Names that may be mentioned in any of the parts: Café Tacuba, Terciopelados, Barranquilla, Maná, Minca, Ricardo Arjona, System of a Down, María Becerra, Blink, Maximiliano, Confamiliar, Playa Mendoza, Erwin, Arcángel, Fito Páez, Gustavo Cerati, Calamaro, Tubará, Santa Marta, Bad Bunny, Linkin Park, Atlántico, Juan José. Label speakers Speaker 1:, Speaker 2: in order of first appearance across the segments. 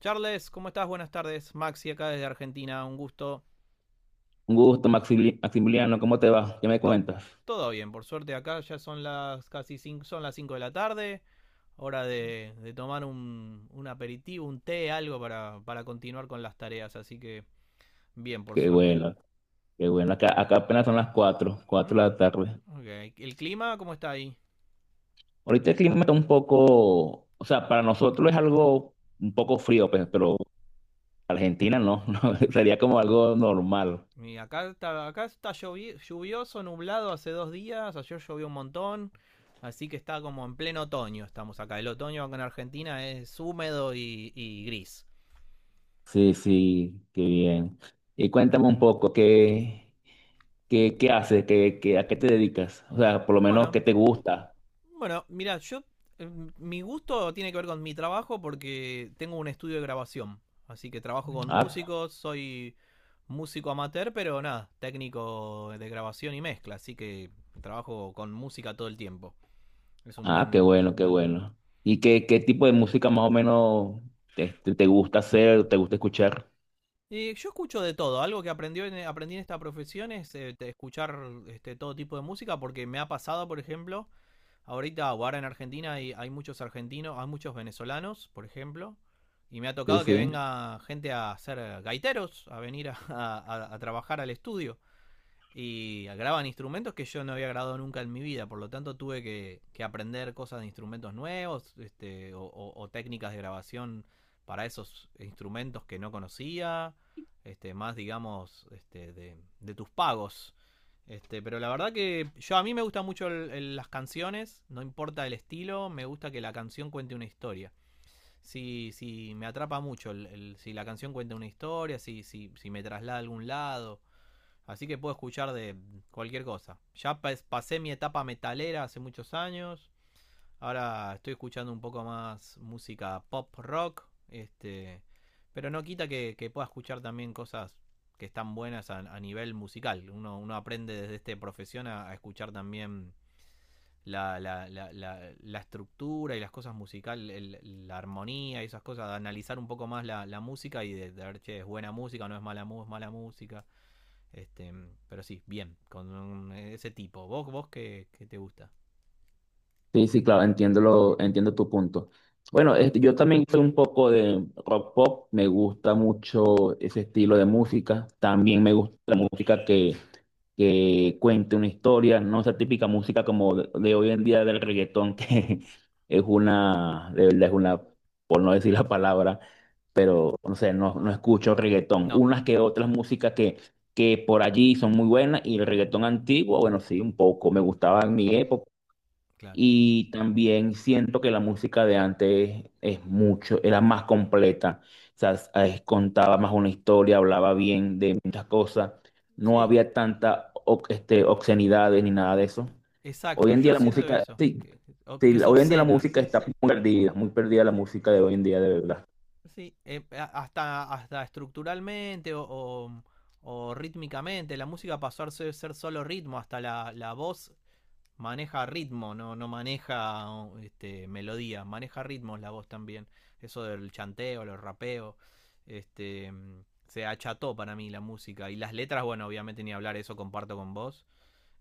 Speaker 1: Charles, ¿cómo estás? Buenas tardes. Maxi acá desde Argentina, un gusto.
Speaker 2: Un gusto, Maximiliano, ¿cómo te va? ¿Qué me
Speaker 1: To-
Speaker 2: cuentas?
Speaker 1: Todo bien, por suerte acá ya son las casi cinco, son las 5 de la tarde. Hora de tomar un aperitivo, un té, algo para continuar con las tareas. Así que bien, por
Speaker 2: Qué
Speaker 1: suerte.
Speaker 2: bueno, qué bueno. Acá apenas son las 4,
Speaker 1: Mm,
Speaker 2: 4 de la tarde.
Speaker 1: ok. ¿El clima cómo está ahí?
Speaker 2: Ahorita el clima está un poco, o sea, para nosotros es algo un poco frío, pues, pero Argentina no, no, sería como algo normal.
Speaker 1: Y acá está lluvioso, nublado hace dos días. Ayer llovió un montón. Así que está como en pleno otoño. Estamos acá. El otoño acá en Argentina es húmedo y gris.
Speaker 2: Sí, sí, qué bien. Y cuéntame un poco, ¿qué haces? ¿A qué te dedicas? O sea, por lo menos,
Speaker 1: Bueno,
Speaker 2: ¿qué te gusta?
Speaker 1: bueno, mira, yo eh, mi gusto tiene que ver con mi trabajo porque tengo un estudio de grabación, así que trabajo con
Speaker 2: Ah,
Speaker 1: músicos, soy músico amateur, pero nada, técnico de grabación y mezcla, así que trabajo con música todo el tiempo. Es un
Speaker 2: Ah, qué
Speaker 1: buen.
Speaker 2: bueno, qué bueno. ¿Qué tipo de música más o menos te gusta hacer, te gusta escuchar?
Speaker 1: Y yo escucho de todo. Algo que aprendí en esta profesión es de escuchar todo tipo de música, porque me ha pasado, por ejemplo, ahorita, o ahora en Argentina hay, hay muchos argentinos, hay muchos venezolanos, por ejemplo, y me ha
Speaker 2: Sí,
Speaker 1: tocado que
Speaker 2: sí.
Speaker 1: venga gente a ser gaiteros, a venir a trabajar al estudio y graban instrumentos que yo no había grabado nunca en mi vida, por lo tanto tuve que aprender cosas de instrumentos nuevos o técnicas de grabación para esos instrumentos que no conocía, más digamos de tus pagos. Pero la verdad que yo a mí me gusta mucho las canciones, no importa el estilo, me gusta que la canción cuente una historia. Si me atrapa mucho, si la canción cuenta una historia, si me traslada a algún lado, así que puedo escuchar de cualquier cosa. Ya pasé mi etapa metalera hace muchos años. Ahora estoy escuchando un poco más música pop rock. Pero no quita que pueda escuchar también cosas que están buenas a nivel musical. Uno, uno aprende desde esta profesión a escuchar también la estructura y las cosas musicales, la armonía y esas cosas, de analizar un poco más la música y de ver, che, es buena música, no es mala, es mala música. Este, pero sí, bien, ese tipo. ¿Vos, vos qué, qué te gusta?
Speaker 2: Sí, sí, claro, entiendo tu punto. Bueno, este, yo también soy un poco de rock pop, me gusta mucho ese estilo de música. También me gusta la música que cuente una historia, no esa típica música como de hoy en día del reggaetón, que es una, de verdad es una, por no decir la palabra, pero no sé, no, no escucho reggaetón.
Speaker 1: No,
Speaker 2: Unas que otras músicas que por allí son muy buenas, y el reggaetón antiguo, bueno, sí, un poco, me gustaba en mi época.
Speaker 1: claro.
Speaker 2: Y también siento que la música de antes es mucho, era más completa. O sea, contaba más una historia, hablaba bien de muchas cosas. No
Speaker 1: Sí,
Speaker 2: había tanta obscenidades ni nada de eso. Hoy
Speaker 1: exacto,
Speaker 2: en
Speaker 1: yo
Speaker 2: día la
Speaker 1: siento
Speaker 2: música,
Speaker 1: eso,
Speaker 2: sí, sí,
Speaker 1: que es
Speaker 2: hoy en día la
Speaker 1: obscena.
Speaker 2: música está muy perdida la música de hoy en día, de verdad.
Speaker 1: Sí, hasta, hasta estructuralmente o rítmicamente, la música pasó a ser, ser solo ritmo, hasta la voz maneja ritmo, no, no maneja melodía, maneja ritmos la voz también. Eso del chanteo, los rapeos, este, se acható para mí la música. Y las letras, bueno, obviamente ni hablar, eso comparto con vos.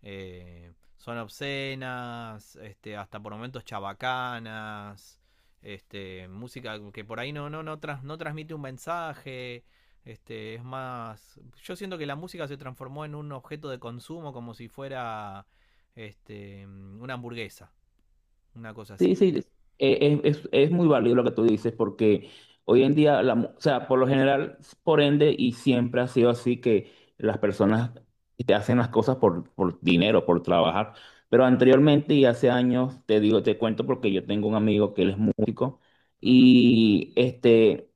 Speaker 1: Son obscenas, hasta por momentos chabacanas, música que por ahí no transmite un mensaje. Es más. Yo siento que la música se transformó en un objeto de consumo como si fuera una hamburguesa, una cosa así.
Speaker 2: Sí, sí, es, es muy válido lo que tú dices, porque hoy en día, o sea, por lo general, por ende, y siempre ha sido así que las personas te hacen las cosas por dinero, por trabajar. Pero anteriormente y hace años, te digo, te cuento porque yo tengo un amigo que él es músico
Speaker 1: Ujú,
Speaker 2: y este,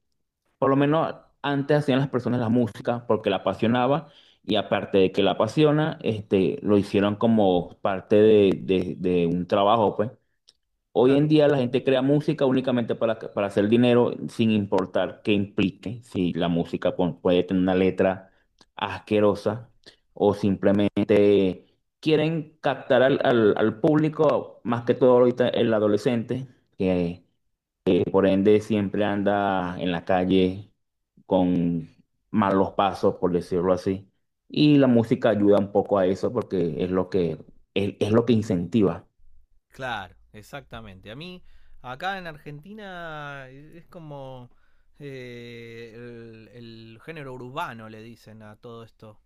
Speaker 2: por lo menos antes hacían las personas la música porque la apasionaba, y aparte de que la apasiona, este, lo hicieron como parte de, de un trabajo, pues. Hoy en
Speaker 1: claro.
Speaker 2: día la gente crea música únicamente para hacer dinero sin importar qué implique. Si la música puede tener una letra asquerosa o simplemente quieren captar al público, más que todo ahorita el adolescente, que, que por ende siempre anda en la calle con malos pasos, por decirlo así. Y la música ayuda un poco a eso porque es lo que, es lo que incentiva.
Speaker 1: Claro, exactamente. A mí, acá en Argentina, es como el género urbano, le dicen a todo esto.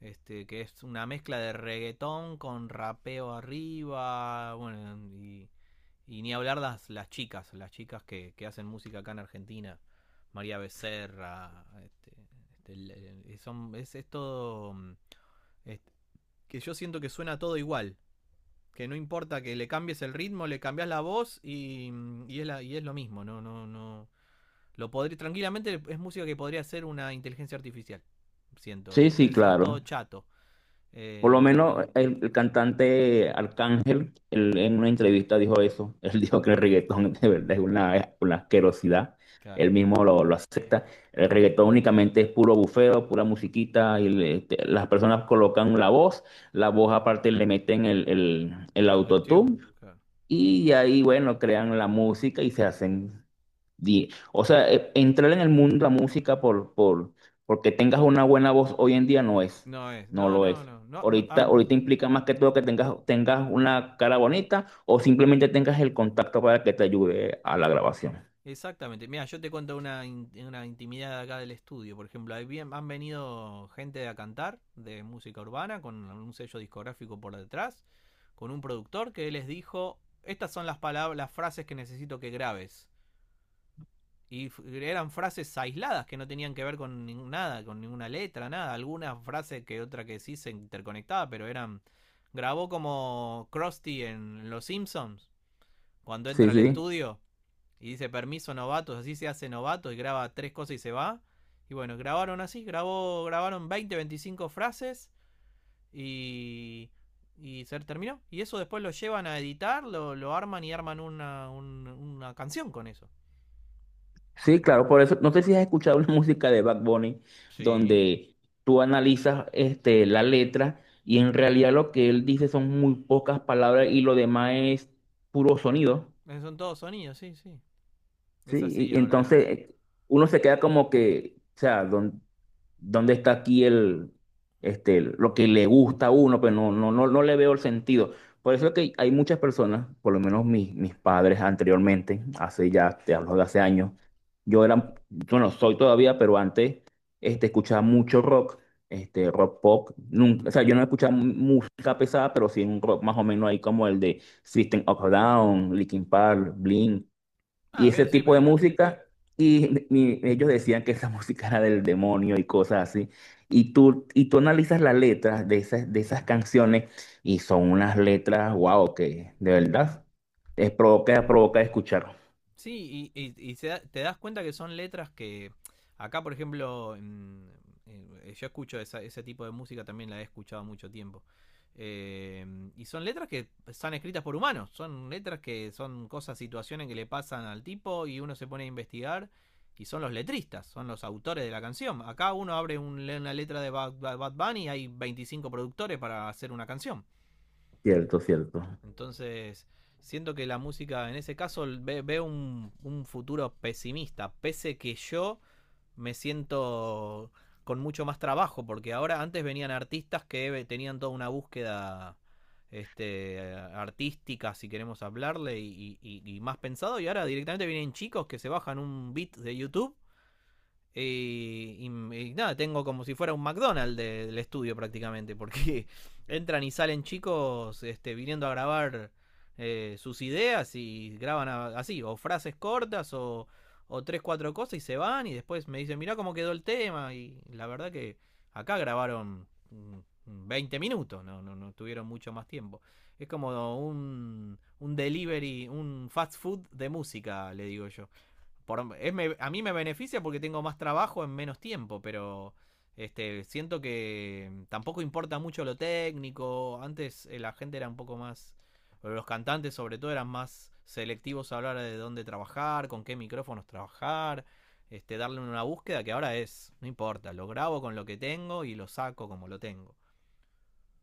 Speaker 1: Que es una mezcla de reggaetón con rapeo arriba, bueno, y ni hablar las chicas que hacen música acá en Argentina, María Becerra, este, este, el- son, es todo, mm, es- que yo siento que suena todo igual, que no importa que le cambies el ritmo, le cambias la voz y es, y es lo mismo, no. Lo podría, tranquilamente es música que podría ser una inteligencia artificial. Siento,
Speaker 2: Sí,
Speaker 1: es,
Speaker 2: sí,
Speaker 1: es, es todo
Speaker 2: claro.
Speaker 1: chato.
Speaker 2: Por lo
Speaker 1: Eh,
Speaker 2: menos el cantante Arcángel, él en una entrevista dijo eso. Él dijo que el reggaetón de verdad es una asquerosidad.
Speaker 1: claro.
Speaker 2: Él mismo lo acepta. El reggaetón únicamente es puro bufeo, pura musiquita. Y las personas colocan la voz. La voz aparte le meten el
Speaker 1: El autotune,
Speaker 2: autotune.
Speaker 1: claro.
Speaker 2: Y ahí, bueno, crean la música y se hacen o sea, entrar en el mundo de la música porque tengas una buena voz hoy en día no es,
Speaker 1: No es,
Speaker 2: no
Speaker 1: no,
Speaker 2: lo
Speaker 1: no,
Speaker 2: es.
Speaker 1: no, no, no,
Speaker 2: Ahorita,
Speaker 1: ah,
Speaker 2: ahorita implica más que todo que tengas una cara bonita o simplemente tengas el contacto para que te ayude a la grabación.
Speaker 1: Exactamente. Mira, yo te cuento una, una intimidad acá del estudio. Por ejemplo, han venido gente a cantar de música urbana con un sello discográfico por detrás, con un productor que les dijo, estas son las palabras, las frases que necesito que grabes. Y f- Eran frases aisladas que no tenían que ver con nada, con ninguna letra, nada. Alguna frase que otra que sí se interconectaba, pero eran. Grabó como Krusty en Los Simpsons, cuando entra
Speaker 2: Sí,
Speaker 1: al
Speaker 2: sí.
Speaker 1: estudio y dice permiso novatos, así se hace novato y graba tres cosas y se va. Y bueno, grabaron así, grabaron 20, 25 frases y, y se terminó. Y eso después lo llevan a editar, lo arman y arman una, una canción con eso.
Speaker 2: Sí, claro, por eso, no sé si has escuchado una música de Bad Bunny
Speaker 1: Sí.
Speaker 2: donde tú analizas este, la letra, y en realidad lo que él dice son muy pocas palabras y lo demás es puro sonido.
Speaker 1: Son todos sonidos, sí, sí. Es
Speaker 2: Sí,
Speaker 1: así
Speaker 2: y
Speaker 1: ahora la.
Speaker 2: entonces uno se queda como que, o sea, ¿dónde está aquí el, este, lo que le gusta a uno? Pero no, no, no, no le veo el sentido. Por eso es que hay muchas personas, por lo menos mis, mis padres anteriormente, hace ya, te hablo de hace años, yo era, bueno, soy todavía, pero antes este, escuchaba mucho rock, este, rock pop. Nunca, o sea, yo
Speaker 1: Ujú.
Speaker 2: no escuchaba música pesada, pero sí un rock más o menos ahí como el de System of a Down, Linkin Park, Blink y
Speaker 1: Ah,
Speaker 2: ese
Speaker 1: bien, sí,
Speaker 2: tipo de
Speaker 1: pero
Speaker 2: música. Y ellos decían que esa música era del demonio y cosas así. Y tú analizas las letras de esas canciones, y son unas letras, wow, que de verdad es provoca, provoca escuchar.
Speaker 1: sí, y te das cuenta que son letras que acá, por ejemplo, yo escucho ese tipo de música, también la he escuchado mucho tiempo. Eh, y son letras que están escritas por humanos, son letras que son cosas, situaciones que le pasan al tipo y uno se pone a investigar y son los letristas, son los autores de la canción. Acá uno abre una letra de Bad Bunny y hay 25 productores para hacer una canción.
Speaker 2: Cierto, cierto.
Speaker 1: Entonces, siento que la música, en ese caso, veo un futuro pesimista, pese que yo me siento con mucho más trabajo, porque ahora antes venían artistas que tenían toda una búsqueda artística, si queremos hablarle, y más pensado, y ahora directamente vienen chicos que se bajan un beat de YouTube y nada, tengo como si fuera un McDonald's del estudio prácticamente, porque entran y salen chicos viniendo a grabar sus ideas y graban así, o frases cortas o tres, cuatro cosas y se van y después me dicen, mirá cómo quedó el tema y la verdad que acá grabaron 20 minutos, no tuvieron mucho más tiempo. Es como un delivery, un fast food de música, le digo yo a mí me beneficia porque tengo más trabajo en menos tiempo, pero siento que tampoco importa mucho lo técnico. Antes la gente era un poco más, los cantantes sobre todo eran más selectivos a hablar de dónde trabajar, con qué micrófonos trabajar, darle una búsqueda que ahora es, no importa, lo grabo con lo que tengo y lo saco como lo tengo.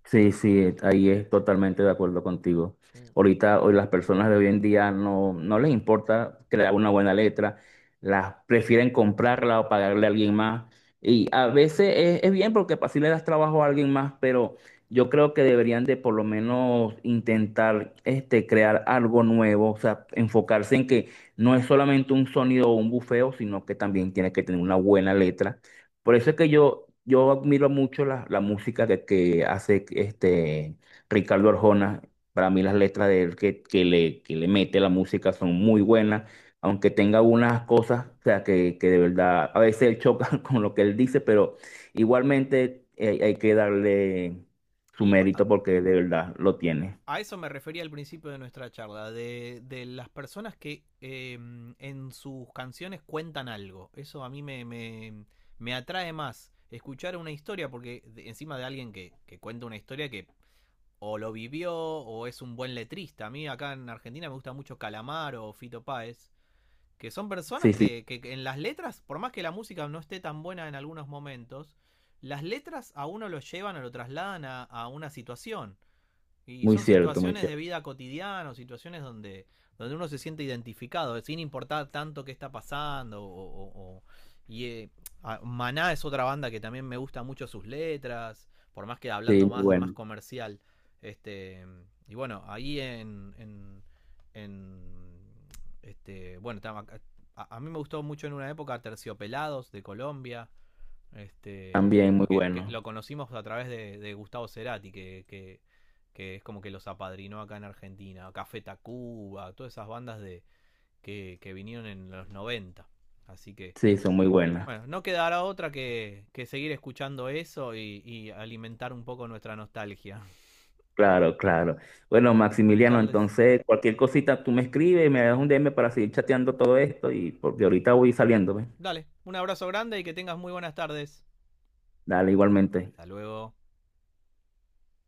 Speaker 2: Sí, sí, ahí es totalmente de acuerdo contigo.
Speaker 1: Mm.
Speaker 2: Ahorita, hoy las personas de hoy en día no, no les importa crear una buena letra, las prefieren comprarla o pagarle a alguien más. Y a veces es bien porque así le das trabajo a alguien más, pero yo creo que deberían de por lo menos intentar este, crear algo nuevo, o sea, enfocarse en que no es solamente un sonido o un bufeo, sino que también tiene que tener una buena letra. Por eso es que yo admiro mucho la, la música que hace este Ricardo Arjona. Para mí las letras de él que le mete la música son muy buenas, aunque tenga unas cosas, o sea, que de verdad a veces él choca con lo que él dice, pero igualmente hay, hay que darle su
Speaker 1: Y
Speaker 2: mérito porque de verdad lo tiene.
Speaker 1: a eso me refería al principio de nuestra charla, de las personas que en sus canciones cuentan algo. Eso a me atrae más escuchar una historia, porque encima de alguien que cuenta una historia que o lo vivió o es un buen letrista. A mí acá en Argentina me gusta mucho Calamaro o Fito Páez, que son
Speaker 2: Sí,
Speaker 1: personas
Speaker 2: sí,
Speaker 1: que en las letras, por más que la música no esté tan buena en algunos momentos, las letras a uno lo llevan o lo trasladan a una situación. Y
Speaker 2: muy
Speaker 1: son
Speaker 2: cierto, muy
Speaker 1: situaciones de
Speaker 2: cierto.
Speaker 1: vida cotidiana, o situaciones donde, donde uno se siente identificado, sin importar tanto qué está pasando. Y eh, Maná es otra banda que también me gusta mucho sus letras, por más que
Speaker 2: Sí,
Speaker 1: hablando
Speaker 2: muy
Speaker 1: más, más
Speaker 2: bueno.
Speaker 1: comercial. Este, y bueno, ahí en. En, este, bueno, a mí me gustó mucho en una época Terciopelados de Colombia.
Speaker 2: También muy
Speaker 1: Porque que
Speaker 2: bueno.
Speaker 1: lo conocimos a través de Gustavo Cerati, que es como que los apadrinó acá en Argentina, Café Tacuba, todas esas bandas de, que vinieron en los noventa. Así que,
Speaker 2: Sí, son muy buenas.
Speaker 1: bueno, no quedará otra que seguir escuchando eso y alimentar un poco nuestra nostalgia.
Speaker 2: Claro, claro. Bueno, Maximiliano,
Speaker 1: Charles,
Speaker 2: entonces cualquier cosita tú me escribes, me das un DM para seguir chateando todo esto, y porque ahorita voy saliendo, ¿ves?
Speaker 1: dale, un abrazo grande y que tengas muy buenas tardes.
Speaker 2: Dale, igualmente.
Speaker 1: Hasta luego.